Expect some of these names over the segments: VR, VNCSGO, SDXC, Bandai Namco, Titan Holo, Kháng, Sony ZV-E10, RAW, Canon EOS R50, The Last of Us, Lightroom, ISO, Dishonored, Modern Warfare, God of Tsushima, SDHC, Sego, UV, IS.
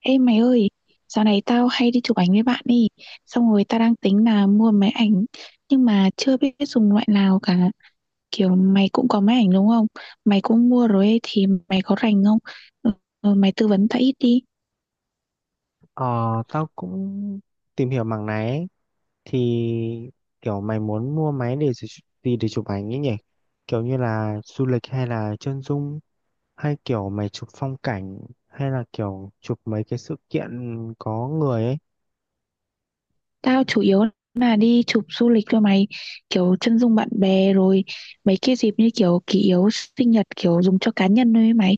Ê mày ơi, dạo này tao hay đi chụp ảnh với bạn đi. Xong rồi tao đang tính là mua máy ảnh nhưng mà chưa biết dùng loại nào cả. Kiểu mày cũng có máy ảnh đúng không? Mày cũng mua rồi ấy, thì mày có rành không? Ừ, ừ, mày tư vấn tao ít đi. Ờ, tao cũng tìm hiểu mảng này ấy. Thì kiểu mày muốn mua máy để gì gì để chụp ảnh ấy nhỉ? Kiểu như là du lịch hay là chân dung hay kiểu mày chụp phong cảnh hay là kiểu chụp mấy cái sự kiện có người ấy. Tao chủ yếu là đi chụp du lịch cho mày, kiểu chân dung bạn bè rồi mấy cái dịp như kiểu kỷ yếu sinh nhật kiểu dùng cho cá nhân thôi ấy mày.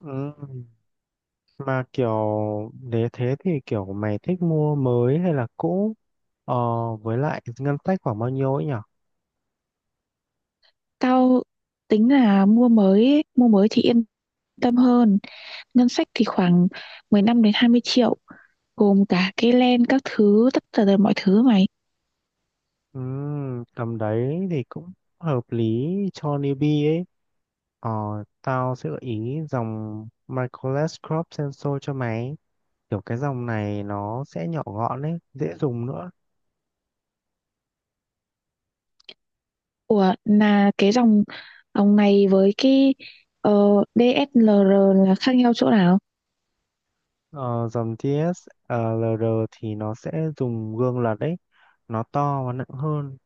Ừ. Mà kiểu nếu thế thì kiểu mày thích mua mới hay là cũ? Ờ, với lại ngân sách khoảng bao nhiêu ấy nhỉ? Tao tính là mua mới thì yên tâm hơn. Ngân sách thì khoảng 15 đến 20 triệu gồm cả cái len các thứ tất cả tật mọi thứ mày. Ừ, tầm đấy thì cũng hợp lý cho newbie ấy. Ờ, tao sẽ gợi ý dòng Microless Crop Sensor cho mày. Kiểu cái dòng này nó sẽ nhỏ gọn ấy, dễ dùng nữa. Ủa là cái dòng dòng này với cái ờ, DSLR là khác nhau chỗ nào? Ờ, dòng TSLR thì nó sẽ dùng gương lật đấy, nó to và nặng hơn.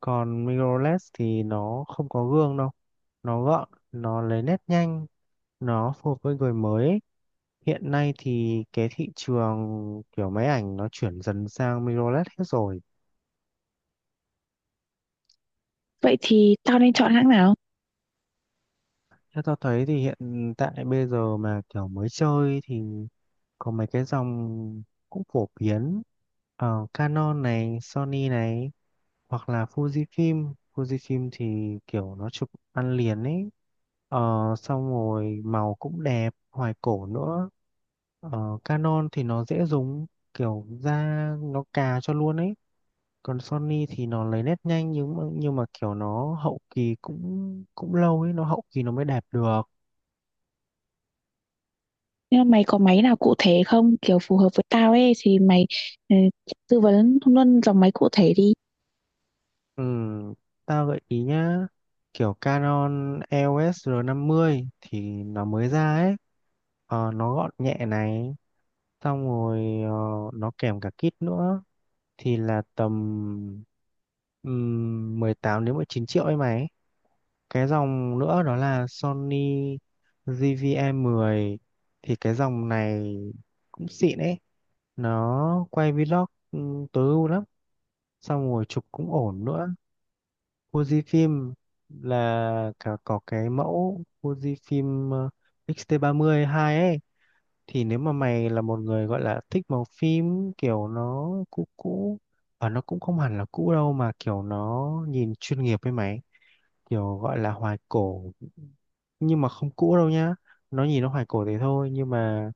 Còn Microless thì nó không có gương đâu, nó gọn, nó lấy nét nhanh, nó phù hợp với người mới ấy. Hiện nay thì cái thị trường kiểu máy ảnh nó chuyển dần sang mirrorless hết rồi. Vậy thì tao nên chọn hãng nào? Theo tao thấy thì hiện tại bây giờ mà kiểu mới chơi thì có mấy cái dòng cũng phổ biến ở Canon này, Sony này hoặc là Fujifilm. Fujifilm thì kiểu nó chụp ăn liền ấy. Ờ, xong rồi màu cũng đẹp, hoài cổ nữa. Ờ, Canon thì nó dễ dùng, kiểu ra nó cà cho luôn ấy. Còn Sony thì nó lấy nét nhanh nhưng mà kiểu nó hậu kỳ cũng cũng lâu ấy, nó hậu kỳ nó mới đẹp được. Nhưng mà mày có máy nào cụ thể không, kiểu phù hợp với tao ấy, thì mày ừ, tư vấn luôn dòng máy cụ thể đi. Ừ, tao gợi ý nhá, kiểu Canon EOS R50 thì nó mới ra ấy. Ờ, nó gọn nhẹ này, xong rồi nó kèm cả kit nữa thì là tầm 18 đến 19 triệu ấy mày. Cái dòng nữa đó là Sony giê vê e 10 thì cái dòng này cũng xịn ấy, nó quay vlog ừ, tối ưu lắm, xong rồi chụp cũng ổn nữa. Fujifilm là cả có cái mẫu Fujifilm X-T30 II ấy thì nếu mà mày là một người gọi là thích màu phim kiểu nó cũ cũ và nó cũng không hẳn là cũ đâu mà kiểu nó nhìn chuyên nghiệp với mày, kiểu gọi là hoài cổ nhưng mà không cũ đâu nhá, nó nhìn nó hoài cổ thế thôi nhưng mà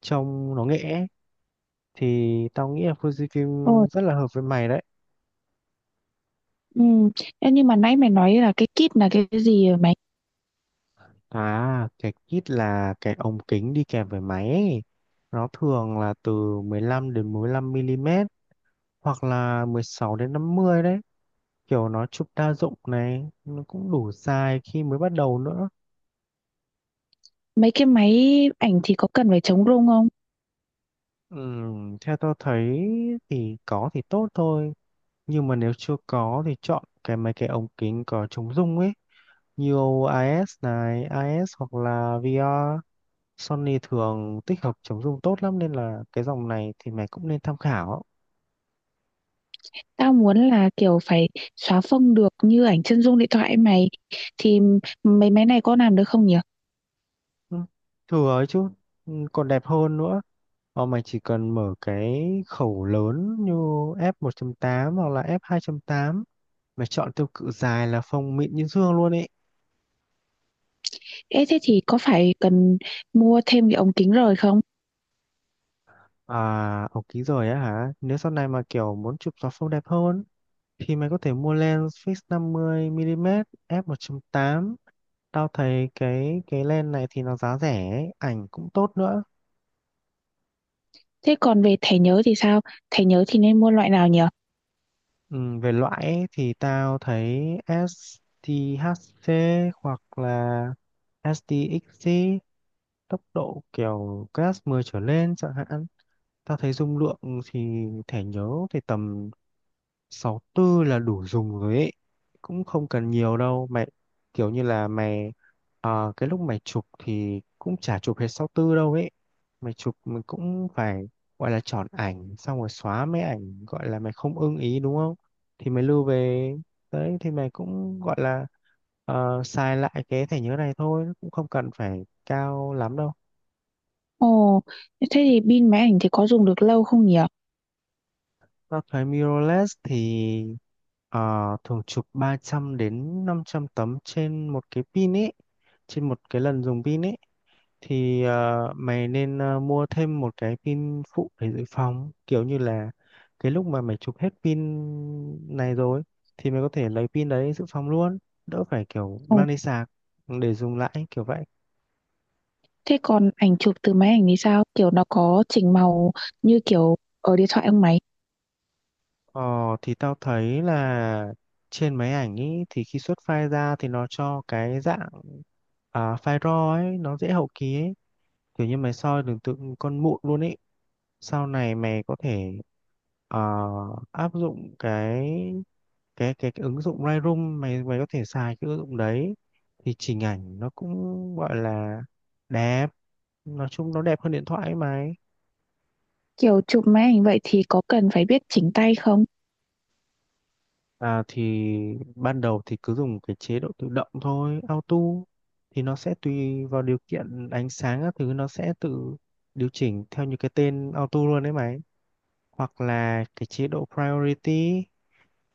trông nó nghệ ấy, thì tao nghĩ là Ôi, Fujifilm rất là hợp với mày đấy. ừ. Ê, nhưng mà nãy mày nói là cái kit là cái gì vậy mày? À, cái kit là cái ống kính đi kèm với máy ấy. Nó thường là từ 15 đến 15 mm hoặc là 16 đến 50 đấy. Kiểu nó chụp đa dụng này, nó cũng đủ dài khi mới bắt đầu nữa. Mấy cái máy ảnh thì có cần phải chống rung không? Theo tôi thấy thì có thì tốt thôi. Nhưng mà nếu chưa có thì chọn mấy cái ống kính có chống rung ấy. Như IS này, IS hoặc là VR. Sony thường tích hợp chống rung tốt lắm nên là cái dòng này thì mày cũng nên tham khảo. Tao muốn là kiểu phải xóa phông được như ảnh chân dung điện thoại ấy mày, thì mấy máy này có làm được không nhỉ? Ừ, thừa ấy chứ, ừ, còn đẹp hơn nữa, mà mày chỉ cần mở cái khẩu lớn như F1.8 hoặc là F2.8, mày chọn tiêu cự dài là phông mịn như dương luôn ấy. Ê thế thì có phải cần mua thêm cái ống kính rồi không? À, ống kính rồi á hả, nếu sau này mà kiểu muốn chụp gió phông đẹp hơn thì mày có thể mua lens fix 50 mm F1.8. Tao thấy cái lens này thì nó giá rẻ ấy, ảnh cũng tốt nữa. Thế còn về thẻ nhớ thì sao? Thẻ nhớ thì nên mua loại nào nhỉ? Ừ, về loại ấy, thì tao thấy STHC hoặc là STXC, tốc độ kiểu class 10 trở lên chẳng hạn. Tao thấy dung lượng thì thẻ nhớ thì tầm sáu tư là đủ dùng rồi ấy, cũng không cần nhiều đâu mày, kiểu như là mày cái lúc mày chụp thì cũng chả chụp hết sáu tư đâu ấy. Mày chụp mình cũng phải, gọi là, chọn ảnh xong rồi xóa mấy ảnh gọi là mày không ưng ý đúng không, thì mày lưu về đấy, thì mày cũng gọi là, xài lại cái thẻ nhớ này thôi, cũng không cần phải cao lắm đâu. Ồ, thế thì pin máy ảnh thì có dùng được lâu không nhỉ? Tao thấy mirrorless thì ờ, thường chụp 300 đến 500 tấm trên một cái pin ấy, trên một cái lần dùng pin ấy, thì mày nên mua thêm một cái pin phụ để dự phòng, kiểu như là cái lúc mà mày chụp hết pin này rồi thì mày có thể lấy pin đấy dự phòng luôn, đỡ phải kiểu Ồ, mang đi sạc để dùng lại kiểu vậy. thế còn ảnh chụp từ máy ảnh thì sao? Kiểu nó có chỉnh màu như kiểu ở điện thoại không mày? Ờ, thì tao thấy là trên máy ảnh ý, thì khi xuất file ra thì nó cho cái dạng, à, file RAW ấy, nó dễ hậu kỳ ấy, kiểu như mày soi được tượng con mụn luôn ấy. Sau này mày có thể ờ, áp dụng cái ứng dụng Lightroom, mày mày có thể xài cái ứng dụng đấy thì chỉnh ảnh nó cũng gọi là đẹp, nói chung nó đẹp hơn điện thoại ấy mà. Kiểu chụp máy ảnh vậy thì có cần phải biết chỉnh tay không? À, thì ban đầu thì cứ dùng cái chế độ tự động thôi, auto, thì nó sẽ tùy vào điều kiện ánh sáng các thứ, nó sẽ tự điều chỉnh theo như cái tên auto luôn đấy mày. Hoặc là cái chế độ priority,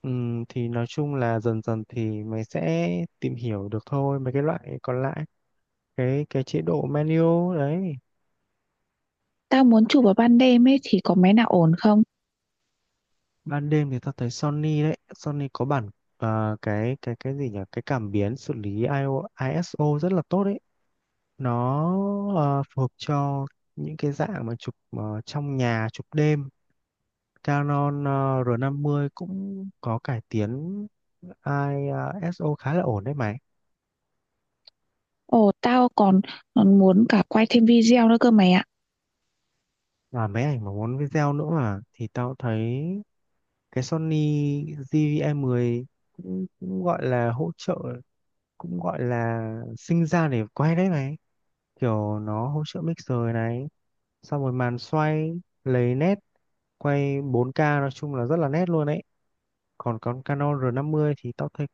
thì nói chung là dần dần thì mày sẽ tìm hiểu được thôi mấy cái loại còn lại. Cái chế độ manual đấy. Tao muốn chụp vào ban đêm ấy thì có máy nào ổn không? Ban đêm thì tao thấy Sony đấy, Sony có bản, à, cái gì nhỉ? Cái cảm biến xử lý ISO rất là tốt đấy. Nó phù hợp cho những cái dạng mà chụp trong nhà chụp đêm. Canon R50 cũng có cải tiến ISO khá là ổn đấy mày. Ồ, tao còn, còn muốn cả quay thêm video nữa cơ mày ạ. Và máy ảnh mà muốn video nữa mà thì tao thấy cái Sony GV-E10 cũng gọi là hỗ trợ, cũng gọi là sinh ra để quay đấy mày, kiểu nó hỗ trợ mixer này, xong rồi màn xoay lấy nét, quay 4K, nói chung là rất là nét luôn đấy. Còn con Canon R50 thì tao thấy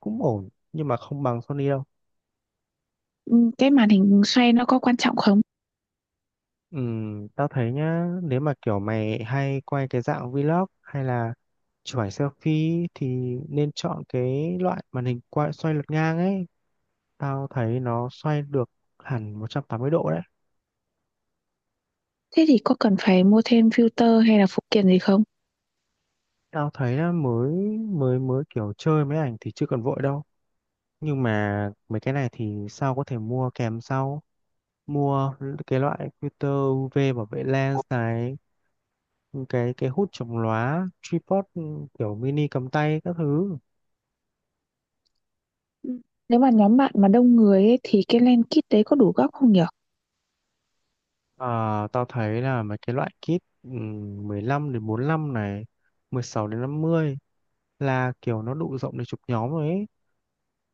cũng ổn nhưng mà không bằng Sony đâu. Ừ, cái màn hình xoay nó có quan trọng không? Tao thấy nhá, nếu mà kiểu mày hay quay cái dạng vlog hay là chụp ảnh selfie thì nên chọn cái loại màn hình quay xoay lật ngang ấy, tao thấy nó xoay được hẳn 180 độ đấy. Thế thì có cần phải mua thêm filter hay là phụ kiện gì không? Tao thấy là mới mới mới kiểu chơi mấy ảnh thì chưa cần vội đâu, nhưng mà mấy cái này thì sao có thể mua kèm sau. Mua cái loại filter UV bảo vệ lens này, cái hút chống lóa, tripod, kiểu mini cầm tay các thứ. Ừ. Nếu mà nhóm bạn mà đông người ấy, thì cái lens kit đấy có đủ góc không nhở? Ờ, tao thấy là mấy cái loại kit, 15 đến 45 này, 16 đến 50, là kiểu nó đủ rộng để chụp nhóm rồi ấy.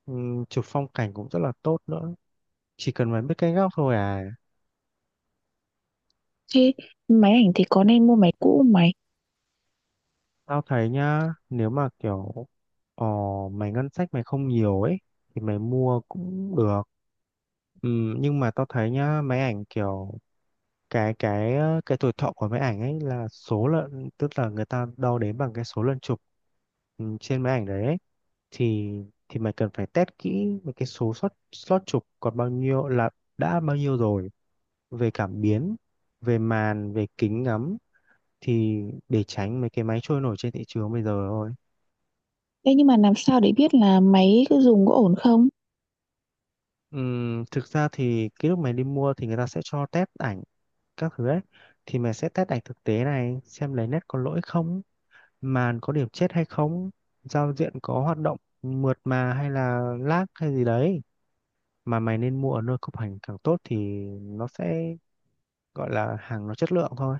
Chụp phong cảnh cũng rất là tốt nữa, chỉ cần mày biết cái góc thôi à. Thế máy ảnh thì có nên mua máy cũ không mày? Tao thấy nhá, nếu mà kiểu ờ, mày ngân sách mày không nhiều ấy thì mày mua cũng được. Nhưng mà tao thấy nhá, máy ảnh kiểu cái tuổi thọ của máy ảnh ấy là số lần, tức là người ta đo đếm bằng cái số lần chụp, ừ, trên máy ảnh đấy ấy. thì thì mày cần phải test kỹ về cái số slot slot chụp còn bao nhiêu, là đã bao nhiêu rồi, về cảm biến, về màn, về kính ngắm, thì để tránh mấy cái máy trôi nổi trên thị trường bây giờ thôi. Thế nhưng mà làm sao để biết là máy cứ dùng có ổn không? Thực ra thì cái lúc mày đi mua thì người ta sẽ cho test ảnh các thứ ấy, thì mày sẽ test ảnh thực tế này, xem lấy nét có lỗi không, màn có điểm chết hay không, giao diện có hoạt động mượt mà hay là lag hay gì đấy. Mà mày nên mua ở nơi cục ảnh càng tốt thì nó sẽ, gọi là, hàng nó chất lượng thôi.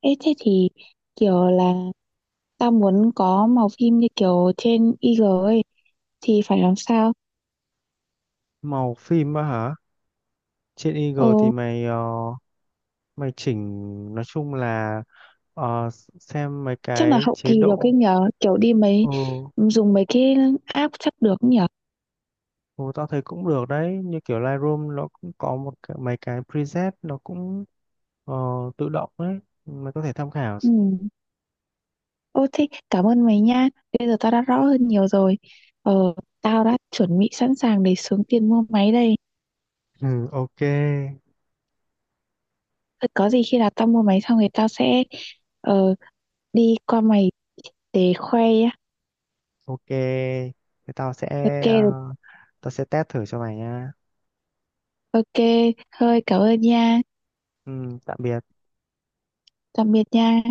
Ê, thế thì kiểu là tao muốn có màu phim như kiểu trên IG ấy thì phải làm sao? Màu phim á hả, trên Ờ, Eagle thì mày mày chỉnh, nói chung là ờ, xem mấy chắc là cái hậu chế kỳ được cái độ. nhờ kiểu đi mấy ừ, dùng mấy cái app chắc được nhờ. ừ, tao thấy cũng được đấy, như kiểu Lightroom nó cũng có một cái, mấy cái preset nó cũng ờ, tự động đấy, mày có thể tham khảo. Ừ. Ô thế cảm ơn mày nha, bây giờ tao đã rõ hơn nhiều rồi, ờ tao đã chuẩn bị sẵn sàng để xuống tiền mua máy đây. Ừ, ok. Thôi có gì khi nào tao mua máy xong thì tao sẽ ờ, đi qua mày để khoe nhá. Ok, thế tao sẽ, Ok. ờ, tao sẽ test thử cho mày nha. Ok, thôi cảm ơn nha. Ừ, tạm biệt. Tạm biệt nha.